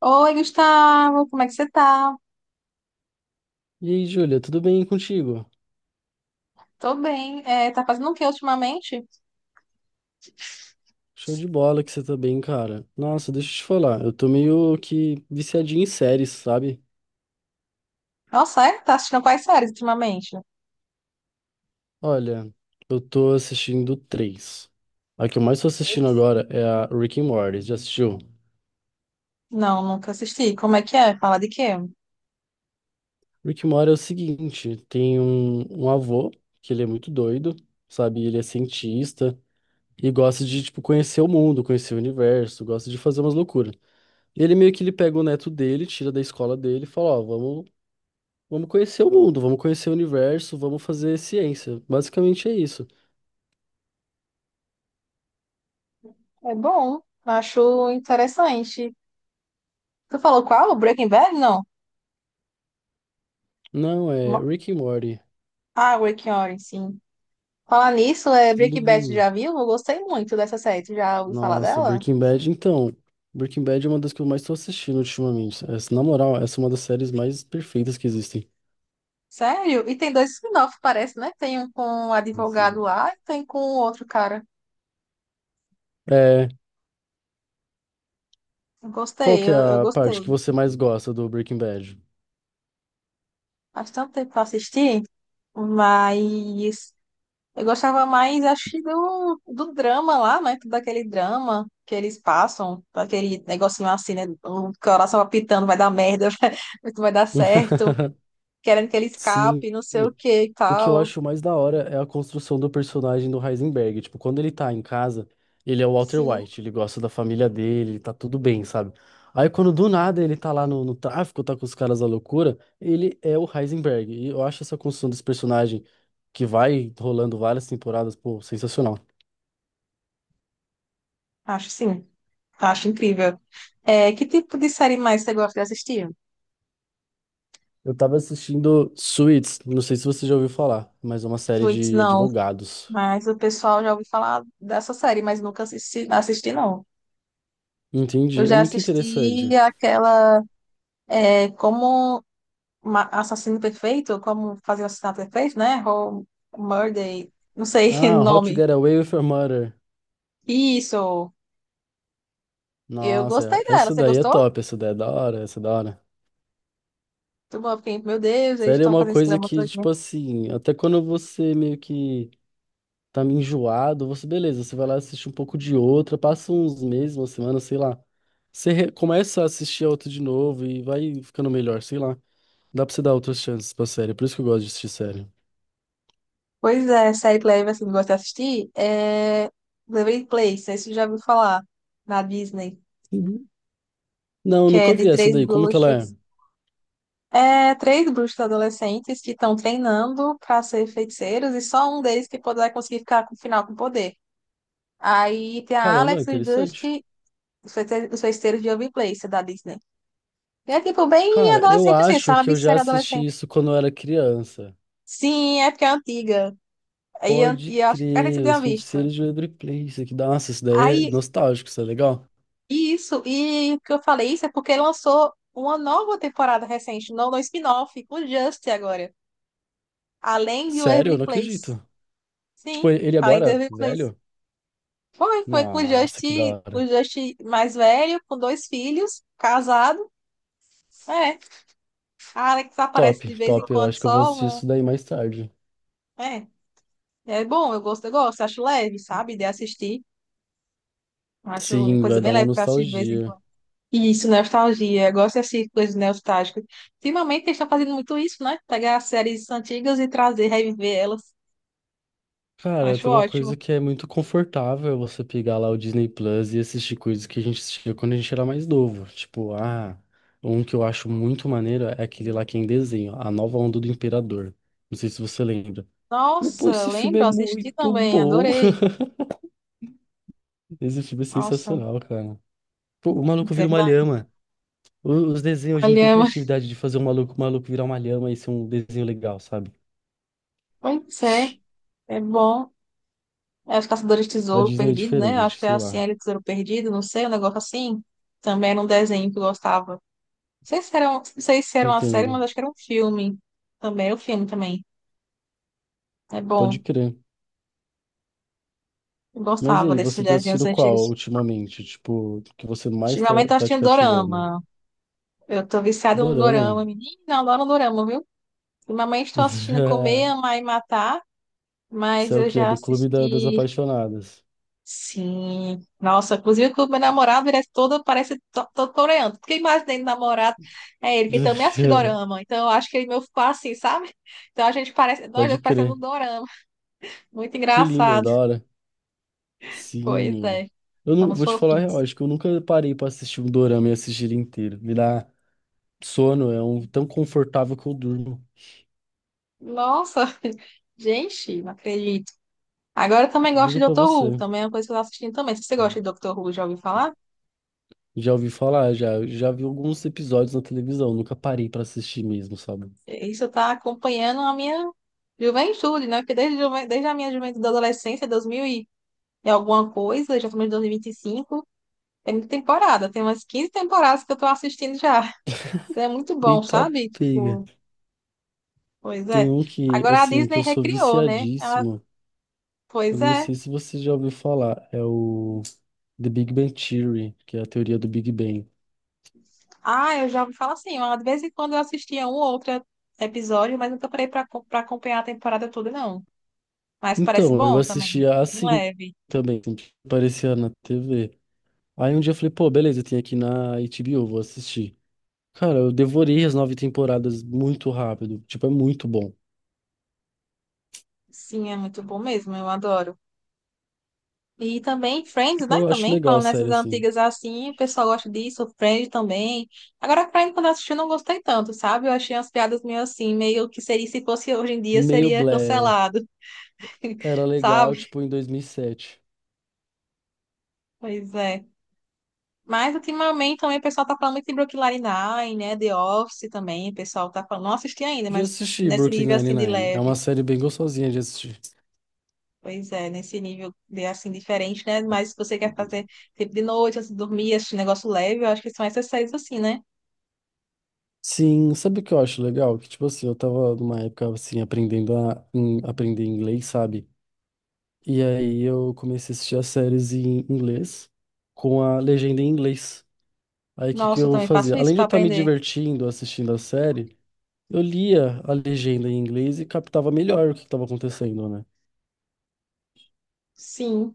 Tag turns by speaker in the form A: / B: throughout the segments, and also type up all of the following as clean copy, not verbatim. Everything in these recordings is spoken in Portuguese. A: Oi, Gustavo, como é que você tá?
B: E aí, Júlia, tudo bem contigo?
A: Tô bem. É, tá fazendo o que ultimamente?
B: Show de bola que você tá bem, cara. Nossa, deixa eu te falar, eu tô meio que viciadinho em séries, sabe?
A: Nossa, é? Tá assistindo quais séries ultimamente?
B: Olha, eu tô assistindo três. A que eu mais tô assistindo
A: Isso.
B: agora é a Rick and Morty, já assistiu?
A: Não, nunca assisti. Como é que é? Fala de quê?
B: Rick and Morty é o seguinte, tem um avô, que ele é muito doido, sabe? Ele é cientista e gosta de, tipo, conhecer o mundo, conhecer o universo, gosta de fazer umas loucuras. E ele meio que ele pega o neto dele, tira da escola dele e fala, ó, vamos. Vamos conhecer o mundo, vamos conhecer o universo, vamos fazer ciência. Basicamente é isso.
A: É bom, acho interessante. Tu falou qual? Breaking Bad? Não.
B: Não, é
A: Mo-
B: Rick and Morty.
A: Ah, Breaking Orange, sim. Falar nisso, é Breaking Bad, tu já
B: Sim.
A: viu? Eu gostei muito dessa série. Tu já ouviu falar
B: Nossa,
A: dela?
B: Breaking Bad, então. Breaking Bad é uma das que eu mais tô assistindo ultimamente. Essa, na moral, essa é uma das séries mais perfeitas que existem.
A: Sério? E tem dois spin-offs, parece, né? Tem um com um advogado lá e tem com outro cara.
B: É, qual
A: Gostei,
B: que é
A: eu
B: a
A: gostei.
B: parte que você mais gosta do Breaking Bad?
A: Faz tanto tempo que eu assisti, mas eu gostava mais, acho, que do drama lá, né? Todo aquele drama que eles passam, aquele negocinho assim, né? O coração apitando, vai dar merda, vai dar certo, querendo que ele
B: Sim.
A: escape, não sei o que e
B: O que eu
A: tal.
B: acho mais da hora é a construção do personagem do Heisenberg. Tipo, quando ele tá em casa, ele é o Walter
A: Sim,
B: White, ele gosta da família dele, tá tudo bem, sabe? Aí quando do nada ele tá lá no tráfico, tá com os caras da loucura, ele é o Heisenberg. E eu acho essa construção desse personagem que vai rolando várias temporadas, pô, sensacional.
A: sim, acho incrível. É, que tipo de série mais você gosta de assistir?
B: Eu tava assistindo Suits, não sei se você já ouviu falar, mas é uma série
A: Suits,
B: de
A: não,
B: advogados.
A: mas o pessoal já ouviu falar dessa série, mas nunca assisti, assisti não. Eu
B: Entendi, é
A: já
B: muito
A: assisti
B: interessante.
A: aquela. É como assassino perfeito, como fazer o assassinato perfeito, né? Ou murder, não sei o
B: Ah, How to
A: nome.
B: Get Away with Your Murder.
A: Isso. Eu gostei
B: Nossa,
A: dela.
B: essa
A: Você
B: daí é
A: gostou?
B: top, essa daí é da hora, essa é da hora.
A: Muito bom, eu fiquei, meu Deus, eles
B: Sério, é
A: estão
B: uma
A: fazendo esse
B: coisa
A: drama
B: que,
A: todo, né?
B: tipo assim, até quando você meio que tá meio enjoado, você, beleza, você vai lá assistir um pouco de outra, passa uns meses, uma semana, sei lá. Você começa a assistir a outra de novo e vai ficando melhor, sei lá. Dá pra você dar outras chances pra série, é por isso que eu gosto de assistir série.
A: Pois é, série que leve assim, que eu gosto de assistir é Melrose Place, não, você já ouviu falar na Disney,
B: Uhum. Não,
A: que
B: nunca
A: é
B: vi
A: de
B: essa
A: três
B: daí, como que ela é?
A: bruxos. É, três bruxos adolescentes que estão treinando para ser feiticeiros e só um deles que poderá conseguir ficar com o final com poder. Aí tem a
B: Caramba, é
A: Alex, o
B: interessante.
A: Dusty. Os Feiticeiros, os Feiticeiros de Waverly da Disney. E é tipo bem
B: Cara, eu
A: adolescente assim,
B: acho que
A: sabe?
B: eu já
A: Ser
B: assisti
A: adolescente.
B: isso quando eu era criança.
A: Sim, é porque é antiga.
B: Pode
A: E eu acho que, cara, você
B: crer,
A: tinha
B: os
A: visto.
B: feiticeiros de Waverly Place. Isso aqui, nossa, isso daí é
A: Aí,
B: nostálgico, isso é legal.
A: isso, e o que eu falei isso é porque lançou uma nova temporada recente, no spin-off, com o Just agora. Além de
B: Sério, eu
A: Waverly
B: não
A: Place.
B: acredito.
A: Sim,
B: Tipo, ele
A: além de
B: agora,
A: Waverly Place.
B: velho?
A: Foi, foi com
B: Nossa, que da
A: o
B: hora.
A: Just mais velho, com dois filhos, casado. É, a Alex
B: Top,
A: aparece de vez em
B: top. Eu
A: quando
B: acho que eu vou
A: só
B: assistir
A: um.
B: isso daí mais tarde.
A: É. É bom, eu gosto, acho leve, sabe, de assistir. Acho uma
B: Sim,
A: coisa
B: vai dar
A: bem
B: uma
A: leve pra assistir de vez em
B: nostalgia.
A: quando. E isso, nostalgia. Eu gosto de assistir coisas nostálgicas. Ultimamente eles estão fazendo muito isso, né? Pegar séries antigas e trazer, reviver elas.
B: Cara,
A: Acho
B: tem uma
A: ótimo.
B: coisa que é muito confortável você pegar lá o Disney Plus e assistir coisas que a gente assistia quando a gente era mais novo. Tipo, ah, um que eu acho muito maneiro é aquele lá que é em desenho, A Nova Onda do Imperador. Não sei se você lembra. Pô,
A: Nossa,
B: esse filme é
A: lembro, assisti
B: muito
A: também,
B: bom.
A: adorei.
B: Esse filme é
A: Nossa,
B: sensacional, cara. Pô, o
A: é
B: maluco vira uma
A: verdade.
B: lhama. Os desenhos hoje não tem
A: Olha,
B: criatividade de fazer um maluco, maluco virar uma lhama e ser um desenho legal, sabe?
A: pois é, é bom. É os Caçadores de
B: A
A: Tesouro
B: Disney é
A: Perdido, né? Acho
B: diferente,
A: que é
B: sei
A: assim,
B: lá.
A: era o Tesouro Perdido, não sei, um negócio assim. Também era um desenho que eu gostava. Não sei se era, não sei se era uma série, mas
B: Entendo.
A: acho que era um filme também. O filme também. É
B: Pode
A: bom.
B: crer.
A: Eu
B: Mas e
A: gostava
B: aí,
A: desses
B: você tá
A: desenhos
B: assistindo qual
A: antigos.
B: ultimamente? Tipo, que você mais tá,
A: Ultimamente eu
B: tá te
A: assistindo
B: cativando?
A: dorama. Eu tô viciada num
B: Dorama.
A: dorama, menina. Eu adoro um dorama, viu? Ultimamente estou assistindo Comer, Amar e Matar, mas
B: Isso é o
A: eu
B: quê? É
A: já
B: do Clube da- das
A: assisti.
B: Apaixonadas.
A: Sim. Nossa, inclusive que o meu namorado ele é todo, parece todo coreano. Porque imaginei do namorado é ele que também assiste dorama. Então eu acho que ele é meu, ficou assim, sabe? Então a gente parece. Nós
B: Pode
A: dois parecendo
B: crer.
A: um dorama. Muito
B: Que lindo,
A: engraçado.
B: da hora.
A: Pois
B: Sim.
A: é,
B: Eu não
A: somos
B: vou te falar, a real,
A: fofinhos.
B: acho que eu nunca parei pra assistir um dorama e assistir ele inteiro. Me dá sono, é um tão confortável que eu durmo.
A: Nossa, gente, não acredito. Agora eu também gosto de
B: Juro pra
A: Doctor Who,
B: você.
A: também é uma coisa que eu tô assistindo também. Se você gosta de Doctor Who, já ouviu falar?
B: Já ouvi falar, já, já vi alguns episódios na televisão, nunca parei pra assistir mesmo, sabe?
A: Isso tá acompanhando a minha juventude, né? Porque desde a minha juventude da adolescência, 2000 e alguma coisa, já estamos em 2025, tem muita temporada, tem umas 15 temporadas que eu tô assistindo já. Então é muito bom,
B: Eita,
A: sabe?
B: pega.
A: Tipo, pois
B: Tem
A: é.
B: um que,
A: Agora a
B: assim, que
A: Disney
B: eu sou
A: recriou, né? Ela,
B: viciadíssimo. Eu
A: pois
B: não
A: é.
B: sei se você já ouviu falar, é o The Big Bang Theory, que é a teoria do Big Bang.
A: Ah, eu já ouvi falar assim, ó, de vez em quando eu assistia um ou outro episódio, mas nunca parei para acompanhar a temporada toda, não. Mas parece
B: Então, eu
A: bom também,
B: assistia
A: bem
B: assim
A: leve.
B: também, sempre que aparecia na TV. Aí um dia eu falei, pô, beleza, tem aqui na HBO, vou assistir. Cara, eu devorei as nove temporadas muito rápido. Tipo, é muito bom.
A: Sim, é muito bom mesmo, eu adoro. E também Friends, né?
B: Eu acho
A: Também,
B: legal,
A: falando nessas
B: sério, assim.
A: antigas assim, o pessoal gosta disso, Friends também. Agora, Friends, quando eu assisti, eu não gostei tanto, sabe? Eu achei umas piadas meio assim, meio que seria, se fosse hoje em dia,
B: Meio
A: seria
B: blé.
A: cancelado,
B: Era
A: sabe?
B: legal, tipo, em 2007.
A: Pois é. Mas ultimamente também o pessoal tá falando muito de Brooklyn Nine-Nine, né? The Office também, o pessoal tá falando. Não assisti ainda,
B: Já
A: mas
B: assisti
A: nesse
B: Brooklyn
A: nível assim de
B: Nine-Nine. É uma
A: leve.
B: série bem gostosinha de assistir.
A: Pois é, nesse nível de assim diferente, né? Mas se você quer fazer tipo de noite, antes de dormir, esse negócio leve, eu acho que são essas séries assim, né?
B: Sim, sabe o que eu acho legal? Que, tipo assim, eu tava numa época, assim, aprendendo a aprender inglês, sabe? E aí eu comecei a assistir as séries em inglês com a legenda em inglês. Aí o que que
A: Nossa, eu
B: eu
A: também
B: fazia?
A: faço isso
B: Além de eu
A: para
B: estar me
A: aprender.
B: divertindo assistindo a série, eu lia a legenda em inglês e captava melhor o que estava acontecendo, né?
A: Sim,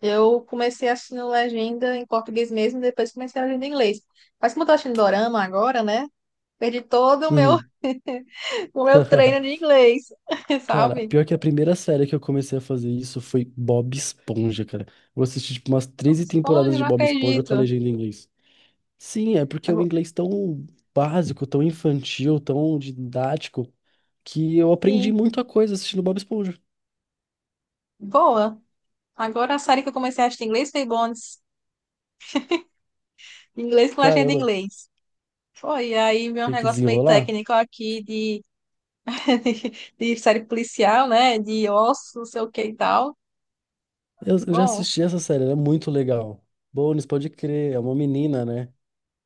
A: eu comecei assistindo legenda em português mesmo, depois comecei a legenda em inglês. Mas como eu tô assistindo dorama agora, né? Perdi todo o meu,
B: Uhum.
A: o meu treino de inglês,
B: Cara,
A: sabe?
B: pior que a primeira série que eu comecei a fazer isso foi Bob Esponja, cara. Eu assisti tipo umas treze
A: Esponja,
B: temporadas de
A: não
B: Bob Esponja com a
A: acredito.
B: legenda em inglês. Sim, é porque é um
A: Agora-
B: inglês tão básico, tão infantil, tão didático, que eu aprendi
A: sim,
B: muita coisa assistindo Bob Esponja.
A: boa. Agora a série que eu comecei a assistir em inglês foi Bones. Em inglês com legenda em
B: Caramba,
A: inglês. Foi, e aí meu
B: tem que
A: negócio meio
B: desenrolar?
A: técnico aqui de, de série policial, né? De ossos, não sei o que e tal.
B: Eu já
A: Bom,
B: assisti essa série, ela é muito legal. Bones, pode crer, é uma menina, né?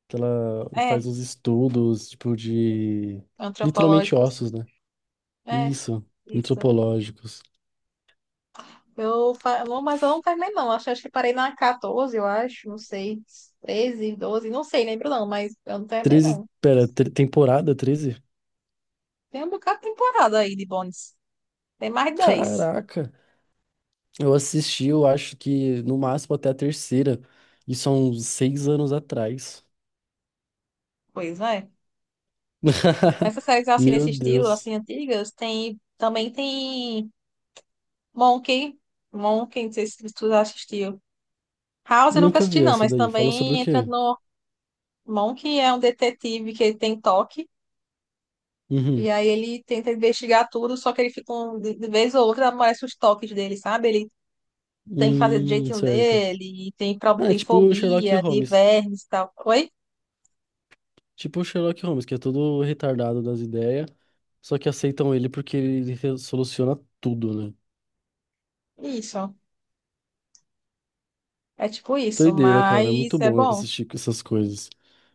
B: Que ela
A: é,
B: faz uns estudos, tipo, de... Literalmente
A: antropológicos.
B: ossos, né?
A: É,
B: Isso,
A: isso.
B: antropológicos.
A: Não, mas eu não terminei, não. Acho, acho que parei na quatorze, eu acho. Não sei. Treze, doze, não sei, lembro não, mas eu não terminei,
B: 13,
A: não.
B: pera, temporada 13.
A: Tem um bocado de temporada aí de Bones. Tem mais de 10.
B: Caraca! Eu assisti, eu acho que no máximo até a terceira. Isso são 6 anos atrás.
A: Pois é. Essas séries assim nesse
B: Meu
A: estilo,
B: Deus.
A: assim, antigas, tem também tem Monk. Monk, não sei se tu já assistiu. House eu nunca
B: Nunca
A: assisti,
B: vi
A: não,
B: essa
A: mas
B: daí. Fala sobre o
A: também entra
B: quê?
A: no. Monk é um detetive que ele tem toque. E
B: Uhum.
A: aí ele tenta investigar tudo, só que ele fica um, de vez ou outra aparece os toques dele, sabe? Ele tem que fazer do jeitinho
B: Certo.
A: dele, e tem problema,
B: Ah, é
A: tem
B: tipo Sherlock
A: fobia de
B: Holmes.
A: vermes e tal. Oi?
B: Tipo o Sherlock Holmes, que é todo retardado das ideias, só que aceitam ele porque ele soluciona tudo, né?
A: Isso. É tipo isso,
B: Doideira, cara, é muito
A: mas é
B: bom
A: bom.
B: assistir com essas coisas.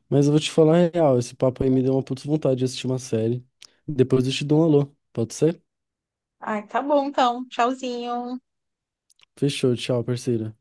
B: Mas eu vou te falar a real, esse papo aí me deu uma puta vontade de assistir uma série. Depois eu te dou um alô, pode ser?
A: Ai, tá bom então. Tchauzinho.
B: Fechou, tchau, parceiro.